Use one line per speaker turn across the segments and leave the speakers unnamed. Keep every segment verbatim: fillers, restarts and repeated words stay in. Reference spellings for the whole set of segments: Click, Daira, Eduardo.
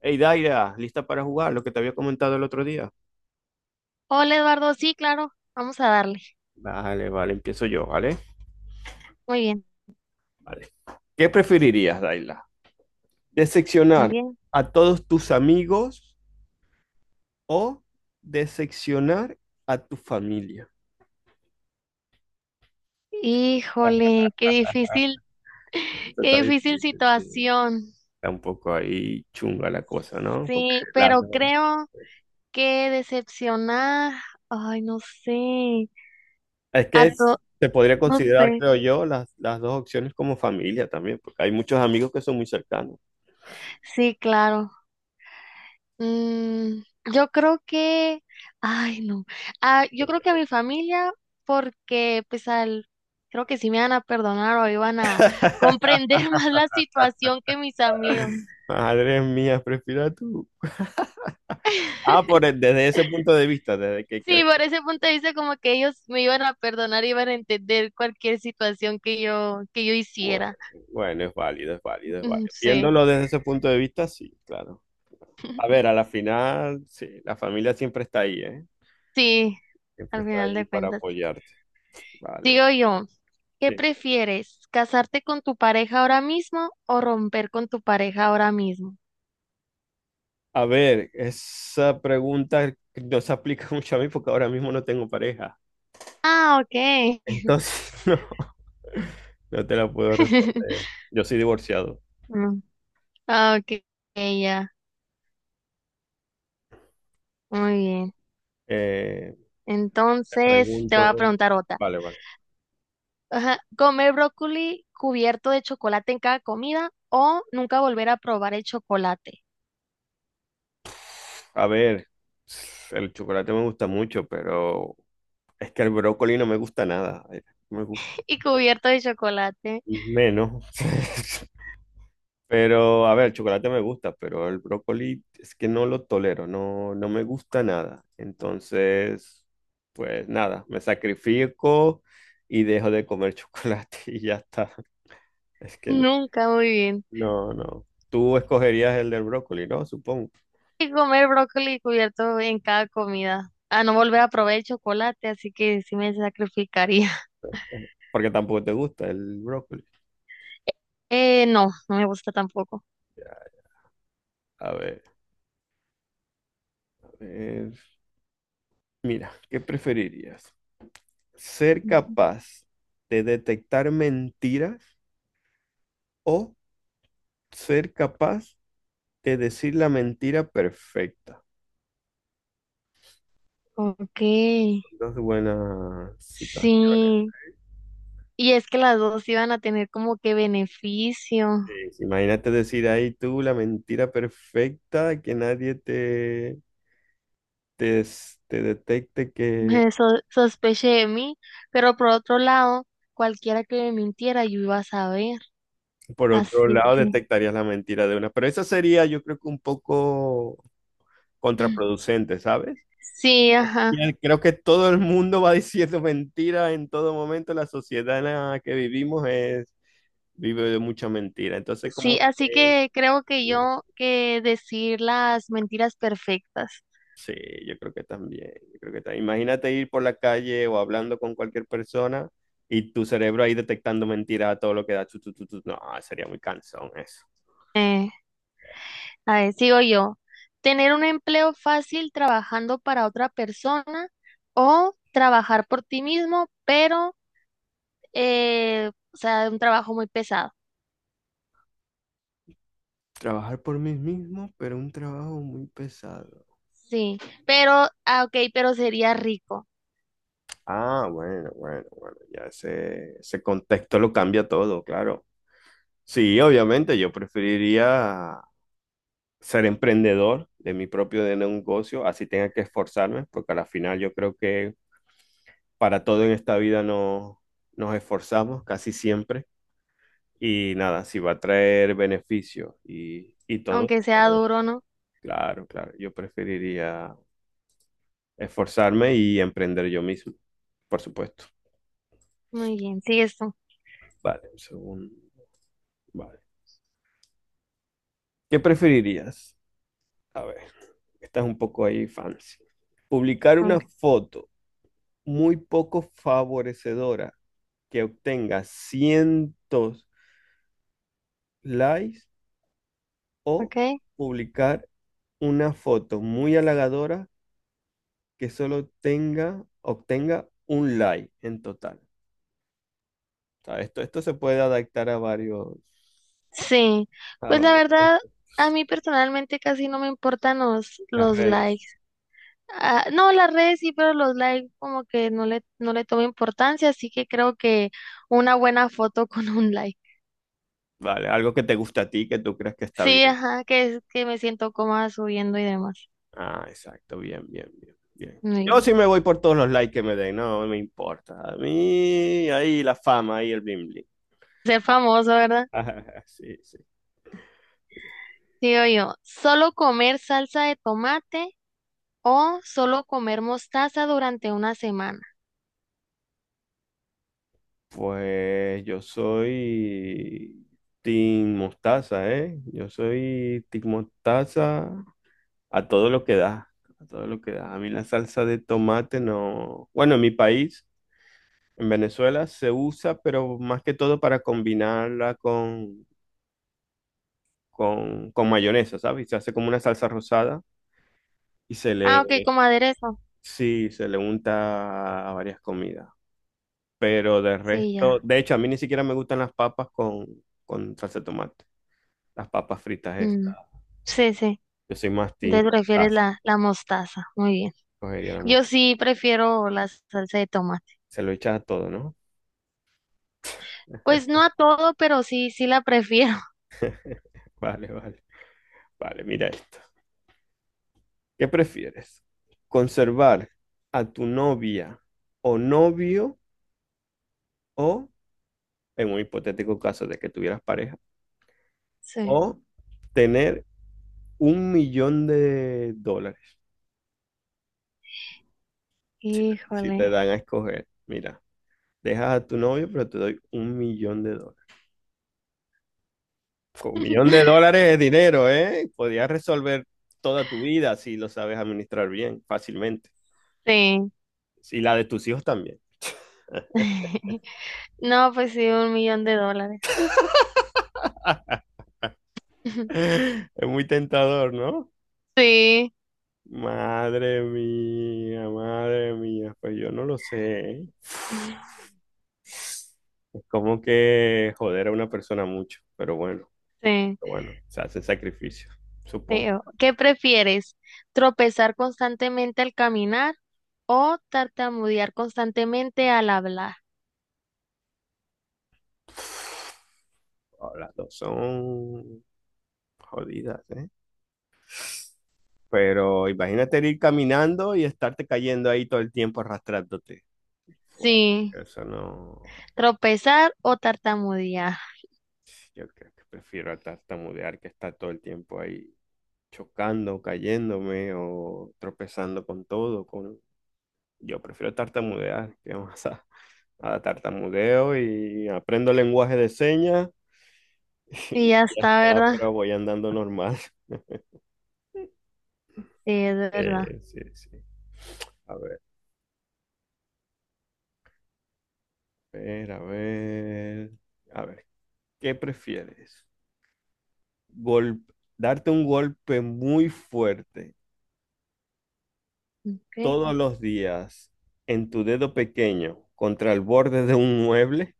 Hey, Daira, ¿lista para jugar? Lo que te había comentado el otro día.
Hola Eduardo, sí, claro, vamos a darle.
Vale, vale, empiezo yo, ¿vale?
Muy bien,
Vale. ¿Qué preferirías, Daira?
muy
¿Decepcionar
bien.
a todos tus amigos o decepcionar a tu familia?
Híjole, qué difícil,
Esto Está
qué difícil
difícil, sí.
situación.
Está un poco ahí chunga la cosa, ¿no? Porque
Sí,
las
pero
dos.
creo que decepcionar, ay, no sé,
Es que
a
es-
to,
se podría
no
considerar,
sé.
creo yo, las, las dos opciones como familia también, porque hay muchos amigos que son muy cercanos.
Sí, claro. Mm, yo creo que, ay, no. Ah, yo creo que a mi familia, porque pues al, creo que sí me van a perdonar o iban a comprender más la situación que mis amigos.
Madre mía, prefiero a tú. Ah, por el- desde ese punto de vista, desde que
Sí,
crees.
por ese punto de vista como que ellos me iban a perdonar, iban a entender cualquier situación que yo que yo
Bueno,
hiciera.
bueno, es válido, es válido, es
Mm,
válido.
sí,
Viéndolo desde ese punto de vista, sí, claro. A ver, a la final, sí, la familia siempre está ahí, ¿eh?
sí,
Siempre
al
está
final
ahí
de
para
cuentas.
apoyarte. Vale,
Digo
vale.
yo, ¿qué
Sí.
prefieres? ¿Casarte con tu pareja ahora mismo o romper con tu pareja ahora mismo?
A ver, esa pregunta no se aplica mucho a mí porque ahora mismo no tengo pareja.
Ah, okay.
Entonces, no, no te la puedo responder. Yo soy divorciado.
Mm, ah, okay, ya. Muy bien.
Eh, Te
Entonces, te voy a
pregunto,
preguntar otra.
vale, vale.
Ajá, ¿comer brócoli cubierto de chocolate en cada comida o nunca volver a probar el chocolate?
A ver, el chocolate me gusta mucho, pero es que el brócoli no me gusta nada. Eh, no me gusta
Y cubierto de chocolate.
menos. Pero, a ver, el chocolate me gusta, pero el brócoli es que no lo tolero, no, no me gusta nada. Entonces, pues nada, me sacrifico y dejo de comer chocolate y ya está. Es que no,
Nunca, muy bien.
no, no. Tú escogerías el del brócoli, ¿no? Supongo,
Y comer brócoli cubierto en cada comida. A no volver a probar el chocolate, así que sí me sacrificaría.
porque tampoco te gusta el brócoli.
Eh, no, no me gusta tampoco.
A ver, a ver. Mira, ¿qué preferirías? ¿Ser
Ujú.
capaz de detectar mentiras o ser capaz de decir la mentira perfecta?
Ok,
Dos buenas citas.
sí. Y es que las dos iban a tener como que beneficio.
Sí, sí, imagínate decir ahí tú la mentira perfecta, que nadie te, te, s- te detecte, que
Me so- sospeché de mí, pero por otro lado, cualquiera que me mintiera, yo iba a saber.
por otro
Así
lado
que
detectarías la mentira de una. Pero esa sería, yo creo que un poco contraproducente, ¿sabes?
sí, ajá.
Bien, creo que todo el mundo va diciendo mentiras en todo momento. La sociedad en la que vivimos es, vive de mucha mentira. Entonces,
Sí,
como
así
que,
que creo que yo que decir las mentiras perfectas.
sí, yo creo que también, yo creo que también. Imagínate ir por la calle o hablando con cualquier persona y tu cerebro ahí detectando mentiras a todo lo que da. Chu, chu, chu, chu. No, sería muy cansón eso.
Eh, a ver, sigo yo. Tener un empleo fácil trabajando para otra persona o trabajar por ti mismo, pero, eh, o sea, un trabajo muy pesado.
Trabajar por mí mismo, pero un trabajo muy pesado.
Sí, pero, ah, ok, pero sería rico,
Ah, bueno, bueno, bueno, ya ese, ese contexto lo cambia todo, claro. Sí, obviamente, yo preferiría ser emprendedor de mi propio de negocio, así tenga que esforzarme, porque a la final yo creo que para todo en esta vida no, nos esforzamos casi siempre. Y nada, si va a traer beneficios y, y todo,
aunque sea
yo-
duro, ¿no?
claro, claro, yo preferiría esforzarme y emprender yo mismo, por supuesto.
Muy bien, sí, esto.
Vale, un segundo. Vale. ¿Qué preferirías? A ver, esta es un poco ahí fancy. Publicar una
Ok.
foto muy poco favorecedora que obtenga cientos likes o
Ok.
publicar una foto muy halagadora que solo tenga, obtenga un like en total. O sea, esto, esto se puede adaptar a varios,
Sí,
a
pues la
varios-
verdad, a mí personalmente casi no me importan los,
las
los
redes.
likes. Ah, no, las redes sí, pero los likes como que no le, no le tomo importancia, así que creo que una buena foto con un like.
Vale, algo que te gusta a ti, que tú crees que está
Sí,
bien.
ajá, que es que me siento cómoda subiendo y demás.
Ah, exacto, bien, bien, bien, bien.
Muy
Yo
bien.
sí me voy por todos los likes que me den, no me importa. A mí, ahí la fama, ahí el bling bling.
Ser famoso, ¿verdad?
Sí, sí.
Digo yo, ¿solo comer salsa de tomate o solo comer mostaza durante una semana?
Pues yo soy Team Mostaza, ¿eh? Yo soy Team Mostaza a todo lo que da, a todo lo que da. A mí la salsa de tomate no. Bueno, en mi país, en Venezuela, se usa, pero más que todo para combinarla con, con, con mayonesa, ¿sabes? Se hace como una salsa rosada y se
Ah, ok,
le...
como aderezo.
Sí, se le unta a varias comidas. Pero de
Sí,
resto,
ya.
de hecho, a mí ni siquiera me gustan las papas con, con salsa de tomate. Las papas fritas
Mm,
estas.
sí, sí.
Yo soy más team
Entonces prefieres
mostaza.
la, la mostaza. Muy bien.
Cogería la
Yo
mostaza.
sí prefiero la salsa de tomate.
Se lo echas a todo, ¿no?
Pues no a todo, pero sí, sí la prefiero.
Vale, vale. Vale, mira esto. ¿Qué prefieres? ¿Conservar a tu novia o novio o, en un hipotético caso de que tuvieras pareja,
Sí.
o tener un millón de dólares si
Híjole.
te dan a escoger? Mira, dejas a tu novio, pero te doy un millón de dólares. Con un millón de dólares es dinero, ¿eh? Podrías resolver toda tu vida si lo sabes administrar bien, fácilmente.
Sí.
Y la de tus hijos también.
No, pues sí, un millón de dólares.
Es muy tentador, ¿no?
Sí.
Madre mía, madre mía, pues yo no lo sé, ¿eh? Es como que joder a una persona mucho, pero bueno,
Sí,
pero bueno, se hacen sacrificios,
sí.
supongo.
O, ¿qué prefieres? ¿Tropezar constantemente al caminar o tartamudear constantemente al hablar?
Oh, las dos son jodidas, ¿eh? Pero imagínate ir caminando y estarte cayendo ahí todo el tiempo arrastrándote. Fua,
Sí.
eso no.
Tropezar o tartamudear.
Yo creo que prefiero tartamudear que estar todo el tiempo ahí chocando, cayéndome o tropezando con todo. Con... Yo prefiero tartamudear, que vamos a, a tartamudeo y aprendo lenguaje de señas
Y
y
ya
ya
está,
está,
¿verdad?
pero voy andando normal.
Sí, es verdad.
Eh, sí, sí. A ver, a ver, a ver. A ver, ¿qué prefieres? Gol- Darte un golpe muy fuerte
Ok.
todos los días en tu dedo pequeño contra el borde de un mueble,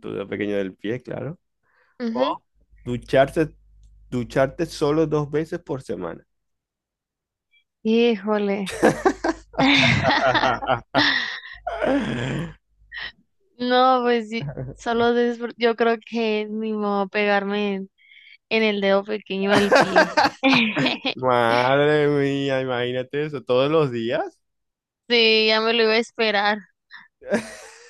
tu dedo pequeño del pie, claro,
Ujú.
o ducharse, ducharte solo dos veces por semana.
Híjole. No, pues sí, solo disfr- yo creo que ni modo pegarme en, en el dedo pequeño del pie.
Madre mía, imagínate eso, todos los días.
Sí, ya me lo iba a esperar.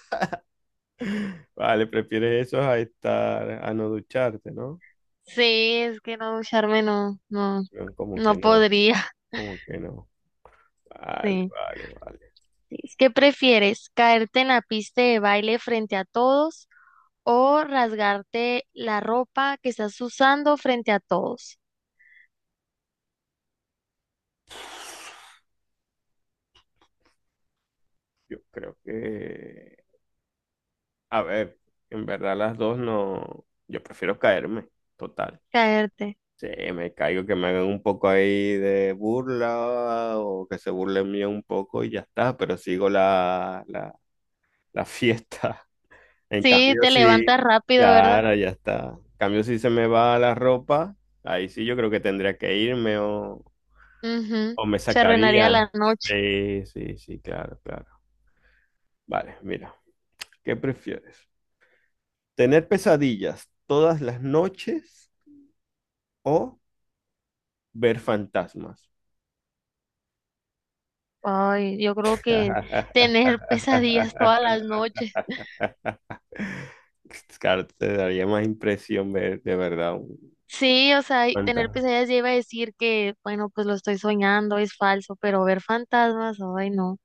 Vale, prefieres eso a estar, a no ducharte, ¿no?
Sí, es que no ducharme no, no,
Como que
no
no,
podría.
como que no. Vale,
Sí.
vale, vale.
Es que prefieres caerte en la pista de baile frente a todos o rasgarte la ropa que estás usando frente a todos.
Yo creo que... A ver, en verdad las dos no. Yo prefiero caerme, total.
Caerte.
Sí, me caigo, que me hagan un poco ahí de burla o que se burlen mío un poco y ya está, pero sigo la, la, la fiesta. En
Sí,
cambio,
te
sí,
levantas rápido, ¿verdad?
claro, ya está. En cambio, si se me va la ropa, ahí sí yo creo que tendría que irme o,
Mhm.
o me
Se arruinaría
sacarían.
la noche.
Sí, sí, sí, claro, claro. Vale, mira, ¿qué prefieres? ¿Tener pesadillas todas las noches o ver fantasmas?
Ay, yo creo que tener pesadillas todas las noches.
Claro, te daría más impresión ver de verdad un
Sí, o sea, y tener
fantasma.
pesadillas ya iba a decir que, bueno, pues lo estoy soñando, es falso, pero ver fantasmas, ay, no,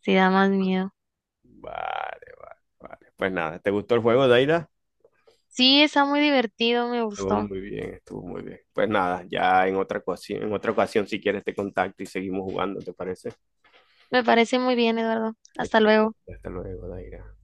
sí da más miedo.
Vale, vale, vale. Pues nada, ¿te gustó el juego, Daira?
Sí, está muy divertido, me
Estuvo
gustó.
muy bien, estuvo muy bien. Pues nada, ya en otra ocasión, en otra ocasión, si quieres te contacto y seguimos jugando, ¿te parece?
Me parece muy bien, Eduardo. Hasta
Excelente.
luego.
Hasta luego, Daira.